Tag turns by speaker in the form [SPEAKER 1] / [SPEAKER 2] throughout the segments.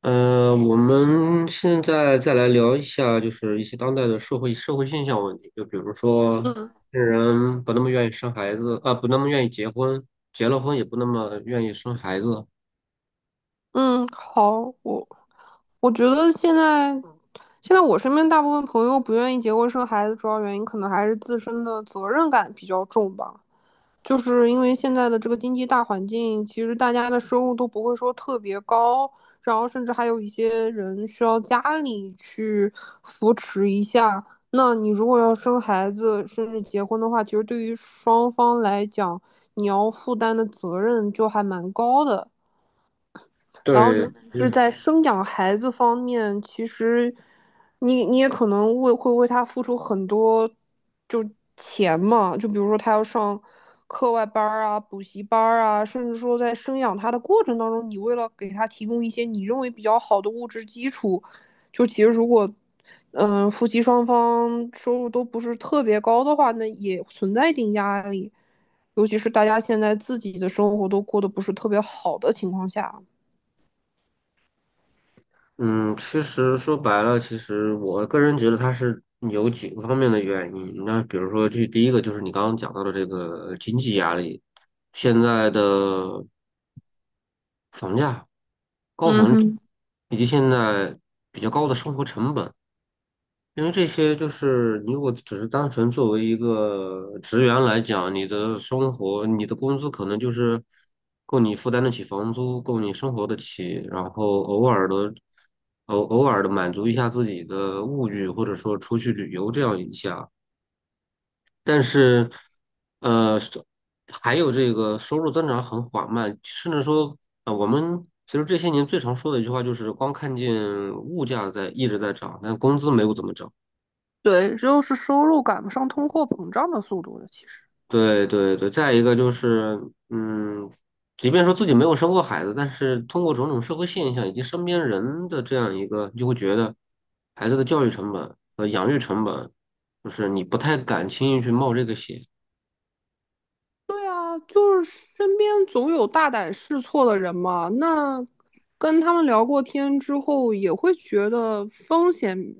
[SPEAKER 1] 我们现在再来聊一下，就是一些当代的社会现象问题，就比如说，
[SPEAKER 2] 嗯
[SPEAKER 1] 现在人不那么愿意生孩子啊，不那么愿意结婚，结了婚也不那么愿意生孩子。
[SPEAKER 2] 嗯，好，我觉得现在我身边大部分朋友不愿意结婚生孩子，主要原因可能还是自身的责任感比较重吧。就是因为现在的这个经济大环境，其实大家的收入都不会说特别高，然后甚至还有一些人需要家里去扶持一下。那你如果要生孩子，甚至结婚的话，其实对于双方来讲，你要负担的责任就还蛮高的。然后
[SPEAKER 1] 对，
[SPEAKER 2] 尤其
[SPEAKER 1] 就
[SPEAKER 2] 是在生养孩子方面，其实你也可能会为他付出很多，就钱嘛，就比如说他要上课外班儿啊、补习班儿啊，甚至说在生养他的过程当中，你为了给他提供一些你认为比较好的物质基础，就其实如果夫妻双方收入都不是特别高的话，那也存在一定压力，尤其是大家现在自己的生活都过得不是特别好的情况下。
[SPEAKER 1] 嗯其实说白了，其实我个人觉得它是有几个方面的原因。那比如说，这第一个就是你刚刚讲到的这个经济压力，现在的房价、高
[SPEAKER 2] 嗯
[SPEAKER 1] 房价
[SPEAKER 2] 哼，
[SPEAKER 1] 以及现在比较高的生活成本。因为这些就是你如果只是单纯作为一个职员来讲，你的生活、你的工资可能就是够你负担得起房租，够你生活得起，然后偶尔的、偶尔的满足一下自己的物欲，或者说出去旅游这样一下。但是，呃，收还有这个收入增长很缓慢，甚至说，啊，我们其实这些年最常说的一句话就是，光看见物价在一直在涨，但工资没有怎么涨。
[SPEAKER 2] 对，就是收入赶不上通货膨胀的速度的，其实。
[SPEAKER 1] 对对对，再一个就是，嗯，即便说自己没有生过孩子，但是通过种种社会现象以及身边人的这样一个，你就会觉得孩子的教育成本和养育成本，就是你不太敢轻易去冒这个险。
[SPEAKER 2] 对啊，就是身边总有大胆试错的人嘛。那跟他们聊过天之后，也会觉得风险，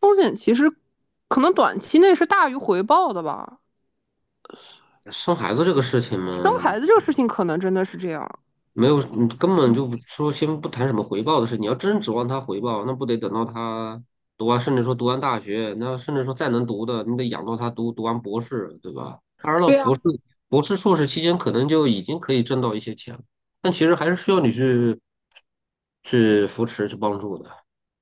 [SPEAKER 2] 风险其实可能短期内是大于回报的吧。
[SPEAKER 1] 生孩子这个事情嘛，
[SPEAKER 2] 生孩子这个事情，可能真的是这样。
[SPEAKER 1] 没有，你根本就不说先不谈什么回报的事，你要真指望他回报，那不得等到他读完，甚至说读完大学，那甚至说再能读的，你得养到他读完博士，对吧？当然了，
[SPEAKER 2] 对
[SPEAKER 1] 博士、
[SPEAKER 2] 呀。
[SPEAKER 1] 博士、硕士期间可能就已经可以挣到一些钱了，但其实还是需要你去去扶持、去帮助的。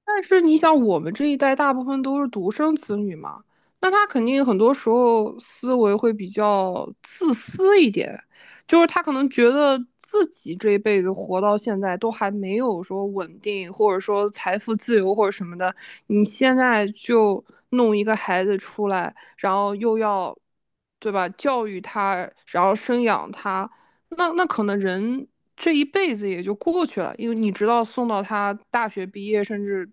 [SPEAKER 2] 但是你想，我们这一代大部分都是独生子女嘛，那他肯定很多时候思维会比较自私一点，就是他可能觉得自己这一辈子活到现在都还没有说稳定，或者说财富自由或者什么的，你现在就弄一个孩子出来，然后又要，对吧，教育他，然后生养他。那可能人这一辈子也就过去了，因为你直到送到他大学毕业，甚至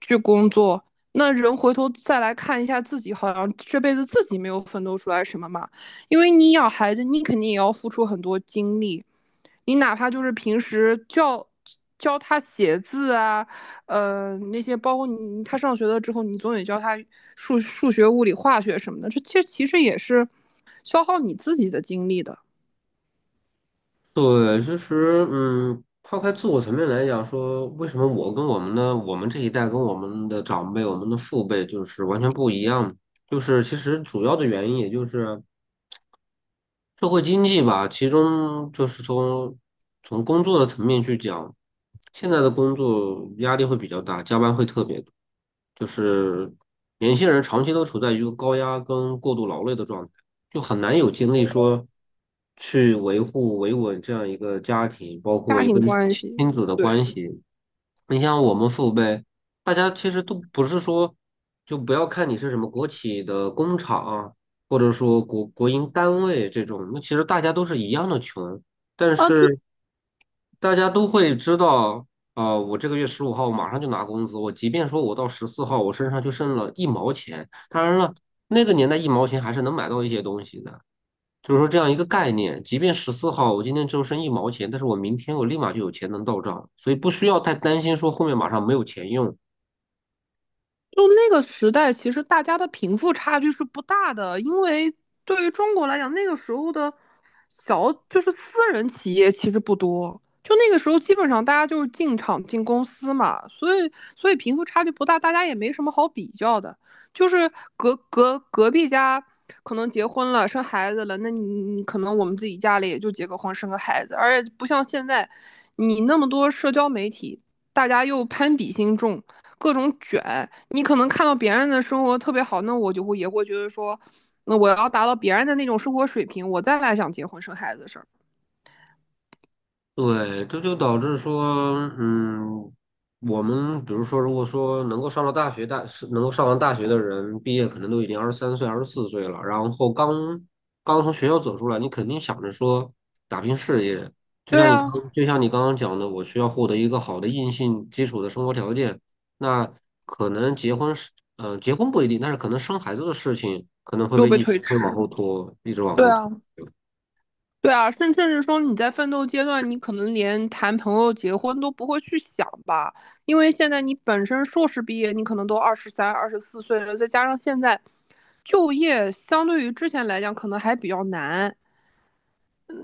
[SPEAKER 2] 去工作，那人回头再来看一下自己，好像这辈子自己没有奋斗出来什么嘛。因为你养孩子，你肯定也要付出很多精力，你哪怕就是平时教教他写字啊，那些包括你他上学了之后，你总得教他数学、物理、化学什么的，这其实也是消耗你自己的精力的。
[SPEAKER 1] 对，其实，嗯，抛开自我层面来讲说，为什么我跟我们这一代跟我们的长辈、我们的父辈就是完全不一样？就是其实主要的原因，也就是。社会经济吧，其中就是从从工作的层面去讲，现在的工作压力会比较大，加班会特别多，就是年轻人长期都处在一个高压跟过度劳累的状态，就很难有精力说去维护维稳这样一个家庭，包括
[SPEAKER 2] 家
[SPEAKER 1] 一个
[SPEAKER 2] 庭关系。
[SPEAKER 1] 亲子的
[SPEAKER 2] 对，
[SPEAKER 1] 关系，你像我们父辈，大家其实都不是说，就不要看你是什么国企的工厂，或者说国营单位这种，那其实大家都是一样的穷，但
[SPEAKER 2] 啊，就
[SPEAKER 1] 是大家都会知道，啊、我这个月15号马上就拿工资，我即便说我到十四号我身上就剩了一毛钱，当然了，那个年代一毛钱还是能买到一些东西的。就是说这样一个概念，即便十四号我今天只有剩一毛钱，但是我明天我立马就有钱能到账，所以不需要太担心说后面马上没有钱用。
[SPEAKER 2] 就那个时代，其实大家的贫富差距是不大的，因为对于中国来讲，那个时候的小就是私人企业其实不多，就那个时候基本上大家就是进厂进公司嘛，所以贫富差距不大，大家也没什么好比较的。就是隔壁家可能结婚了，生孩子了，那你可能我们自己家里也就结个婚，生个孩子，而且不像现在，你那么多社交媒体，大家又攀比心重，各种卷，你可能看到别人的生活特别好，那我就会也会觉得说，那我要达到别人的那种生活水平，我再来想结婚生孩子的事儿。
[SPEAKER 1] 对，这就导致说，嗯，我们比如说，如果说能够上了大学，大是能够上完大学的人，毕业可能都已经23岁、24岁了，然后刚刚从学校走出来，你肯定想着说打拼事业，就
[SPEAKER 2] 对
[SPEAKER 1] 像你刚
[SPEAKER 2] 啊，
[SPEAKER 1] 就像你刚刚讲的，我需要获得一个好的硬性基础的生活条件，那可能结婚是，嗯，结婚不一定，但是可能生孩子的事情可能会
[SPEAKER 2] 就
[SPEAKER 1] 被
[SPEAKER 2] 被
[SPEAKER 1] 一直
[SPEAKER 2] 推
[SPEAKER 1] 会往
[SPEAKER 2] 迟。
[SPEAKER 1] 后拖，一直往
[SPEAKER 2] 对
[SPEAKER 1] 后拖。
[SPEAKER 2] 啊，对啊，甚至说你在奋斗阶段，你可能连谈朋友、结婚都不会去想吧，因为现在你本身硕士毕业，你可能都23、24岁了，再加上现在就业相对于之前来讲，可能还比较难。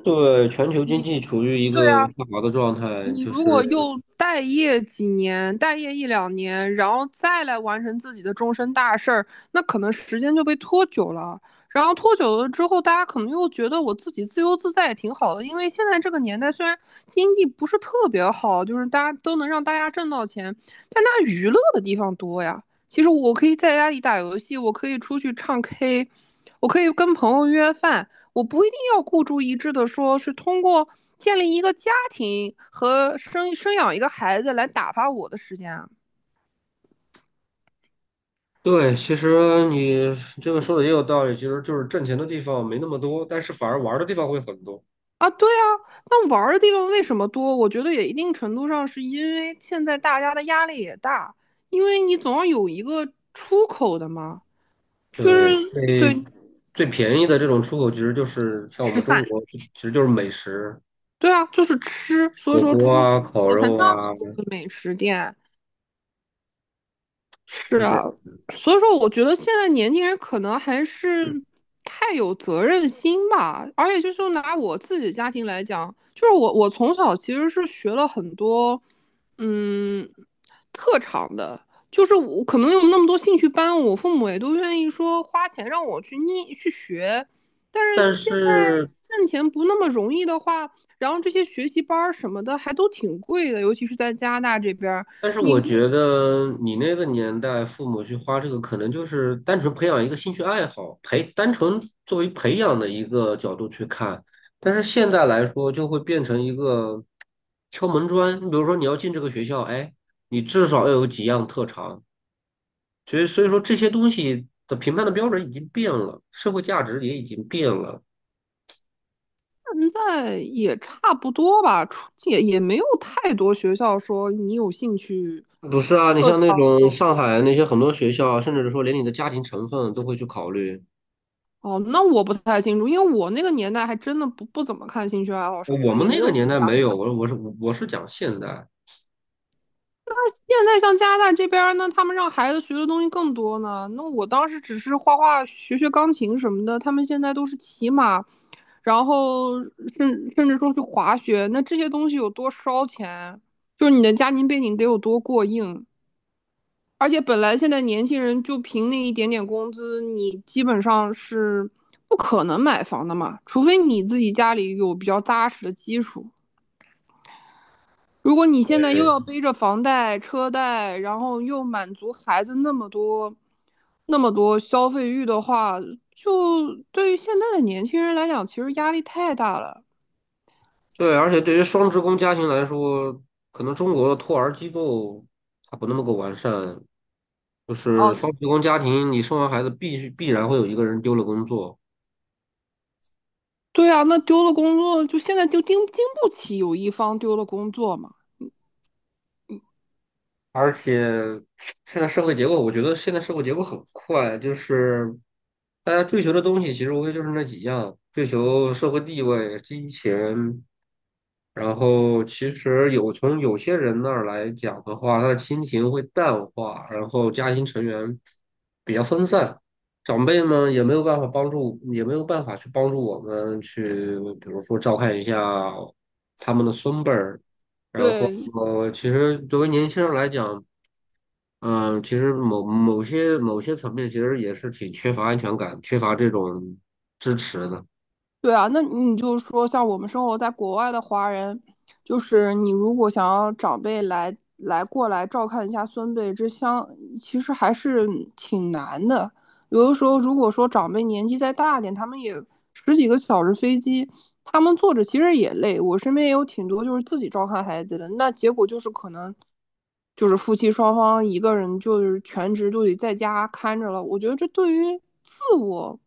[SPEAKER 1] 对，全球经济
[SPEAKER 2] 你
[SPEAKER 1] 处于一
[SPEAKER 2] 对
[SPEAKER 1] 个
[SPEAKER 2] 啊，
[SPEAKER 1] 下滑的状态，
[SPEAKER 2] 你
[SPEAKER 1] 就
[SPEAKER 2] 如果
[SPEAKER 1] 是
[SPEAKER 2] 又待业几年，待业一两年，然后再来完成自己的终身大事儿，那可能时间就被拖久了。然后拖久了之后，大家可能又觉得我自己自由自在也挺好的，因为现在这个年代虽然经济不是特别好，就是大家都能让大家挣到钱，但大家娱乐的地方多呀。其实我可以在家里打游戏，我可以出去唱 K，我可以跟朋友约饭。我不一定要孤注一掷的说是通过建立一个家庭和生养一个孩子来打发我的时间啊。
[SPEAKER 1] 对。其实你这个说的也有道理，其实就是挣钱的地方没那么多，但是反而玩儿的地方会很多。
[SPEAKER 2] 啊，对啊，那玩的地方为什么多？我觉得也一定程度上是因为现在大家的压力也大，因为你总要有一个出口的嘛，就
[SPEAKER 1] 对，
[SPEAKER 2] 是对
[SPEAKER 1] 最最便宜的这种出口，其实就是像我
[SPEAKER 2] 吃
[SPEAKER 1] 们中
[SPEAKER 2] 饭，
[SPEAKER 1] 国，就其实就是美食、
[SPEAKER 2] 对啊，就是吃，所以
[SPEAKER 1] 火
[SPEAKER 2] 说
[SPEAKER 1] 锅
[SPEAKER 2] 中
[SPEAKER 1] 啊、烤
[SPEAKER 2] 国才
[SPEAKER 1] 肉
[SPEAKER 2] 那
[SPEAKER 1] 啊，
[SPEAKER 2] 么多的美食店，是
[SPEAKER 1] 是这
[SPEAKER 2] 啊，
[SPEAKER 1] 样。
[SPEAKER 2] 所以说我觉得现在年轻人可能还是太有责任心吧，而且就是拿我自己家庭来讲，就是我从小其实是学了很多，嗯，特长的，就是我可能有那么多兴趣班，我父母也都愿意说花钱让我去念去学，但是
[SPEAKER 1] 但
[SPEAKER 2] 现在
[SPEAKER 1] 是
[SPEAKER 2] 挣钱不那么容易的话，然后这些学习班儿什么的还都挺贵的，尤其是在加拿大这边儿
[SPEAKER 1] 但是我
[SPEAKER 2] 你
[SPEAKER 1] 觉得你那个年代，父母去花这个，可能就是单纯培养一个兴趣爱好，培单纯作为培养的一个角度去看。但是现在来说，就会变成一个敲门砖。你比如说，你要进这个学校，哎，你至少要有几样特长。所以，所以说这些东西的评判的标准已经变了，社会价值也已经变了。
[SPEAKER 2] 现在也差不多吧，也没有太多学校说你有兴趣
[SPEAKER 1] 不是啊，你
[SPEAKER 2] 特
[SPEAKER 1] 像那
[SPEAKER 2] 长
[SPEAKER 1] 种上海那些很多学校，甚至是说连你的家庭成分都会去考虑。
[SPEAKER 2] 哦，那我不太清楚，因为我那个年代还真的不怎么看兴趣爱好
[SPEAKER 1] 我
[SPEAKER 2] 什么
[SPEAKER 1] 我
[SPEAKER 2] 的，
[SPEAKER 1] 们
[SPEAKER 2] 也
[SPEAKER 1] 那
[SPEAKER 2] 没
[SPEAKER 1] 个
[SPEAKER 2] 有什
[SPEAKER 1] 年
[SPEAKER 2] 么
[SPEAKER 1] 代
[SPEAKER 2] 加
[SPEAKER 1] 没
[SPEAKER 2] 分
[SPEAKER 1] 有，
[SPEAKER 2] 项。
[SPEAKER 1] 我是讲现代，
[SPEAKER 2] 现在像加拿大这边儿呢，他们让孩子学的东西更多呢。那我当时只是画画、学学钢琴什么的，他们现在都是骑马，然后甚至说去滑雪，那这些东西有多烧钱？就是你的家庭背景得有多过硬？而且本来现在年轻人就凭那一点点工资，你基本上是不可能买房的嘛，除非你自己家里有比较扎实的基础。如果你现在又要背着房贷、车贷，然后又满足孩子那么多、那么多消费欲的话，就对于现在的年轻人来讲，其实压力太大了。
[SPEAKER 1] 对，而且对于双职工家庭来说，可能中国的托儿机构它不那么够完善，就是
[SPEAKER 2] 哦，
[SPEAKER 1] 双职工家庭，你生完孩子必须必然会有一个人丢了工作，
[SPEAKER 2] 对啊，那丢了工作，就现在就盯不起有一方丢了工作嘛。
[SPEAKER 1] 而且现在社会结构，我觉得现在社会结构很快，就是大家追求的东西其实无非就是那几样，追求社会地位、金钱。然后其实有从有些人那儿来讲的话，他的亲情会淡化，然后家庭成员比较分散，长辈们也没有办法帮助，也没有办法去帮助我们去，比如说照看一下他们的孙辈儿。然后，
[SPEAKER 2] 对，
[SPEAKER 1] 其实作为年轻人来讲，嗯，其实某些层面，其实也是挺缺乏安全感，缺乏这种支持的。
[SPEAKER 2] 对啊，那你就是说，像我们生活在国外的华人，就是你如果想要长辈过来照看一下孙辈这相其实还是挺难的。有的时候，如果说长辈年纪再大点，他们也十几个小时飞机，他们坐着其实也累。我身边也有挺多就是自己照看孩子的，那结果就是可能就是夫妻双方一个人就是全职就得在家看着了。我觉得这对于自我、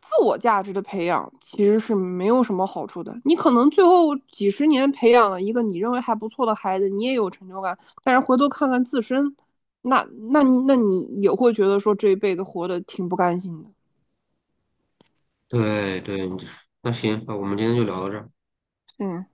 [SPEAKER 2] 自我价值的培养其实是没有什么好处的。你可能最后几十年培养了一个你认为还不错的孩子，你也有成就感，但是回头看看自身，那那你也会觉得说这一辈子活得挺不甘心的。
[SPEAKER 1] 对对，那行，那我们今天就聊到这儿。
[SPEAKER 2] 嗯。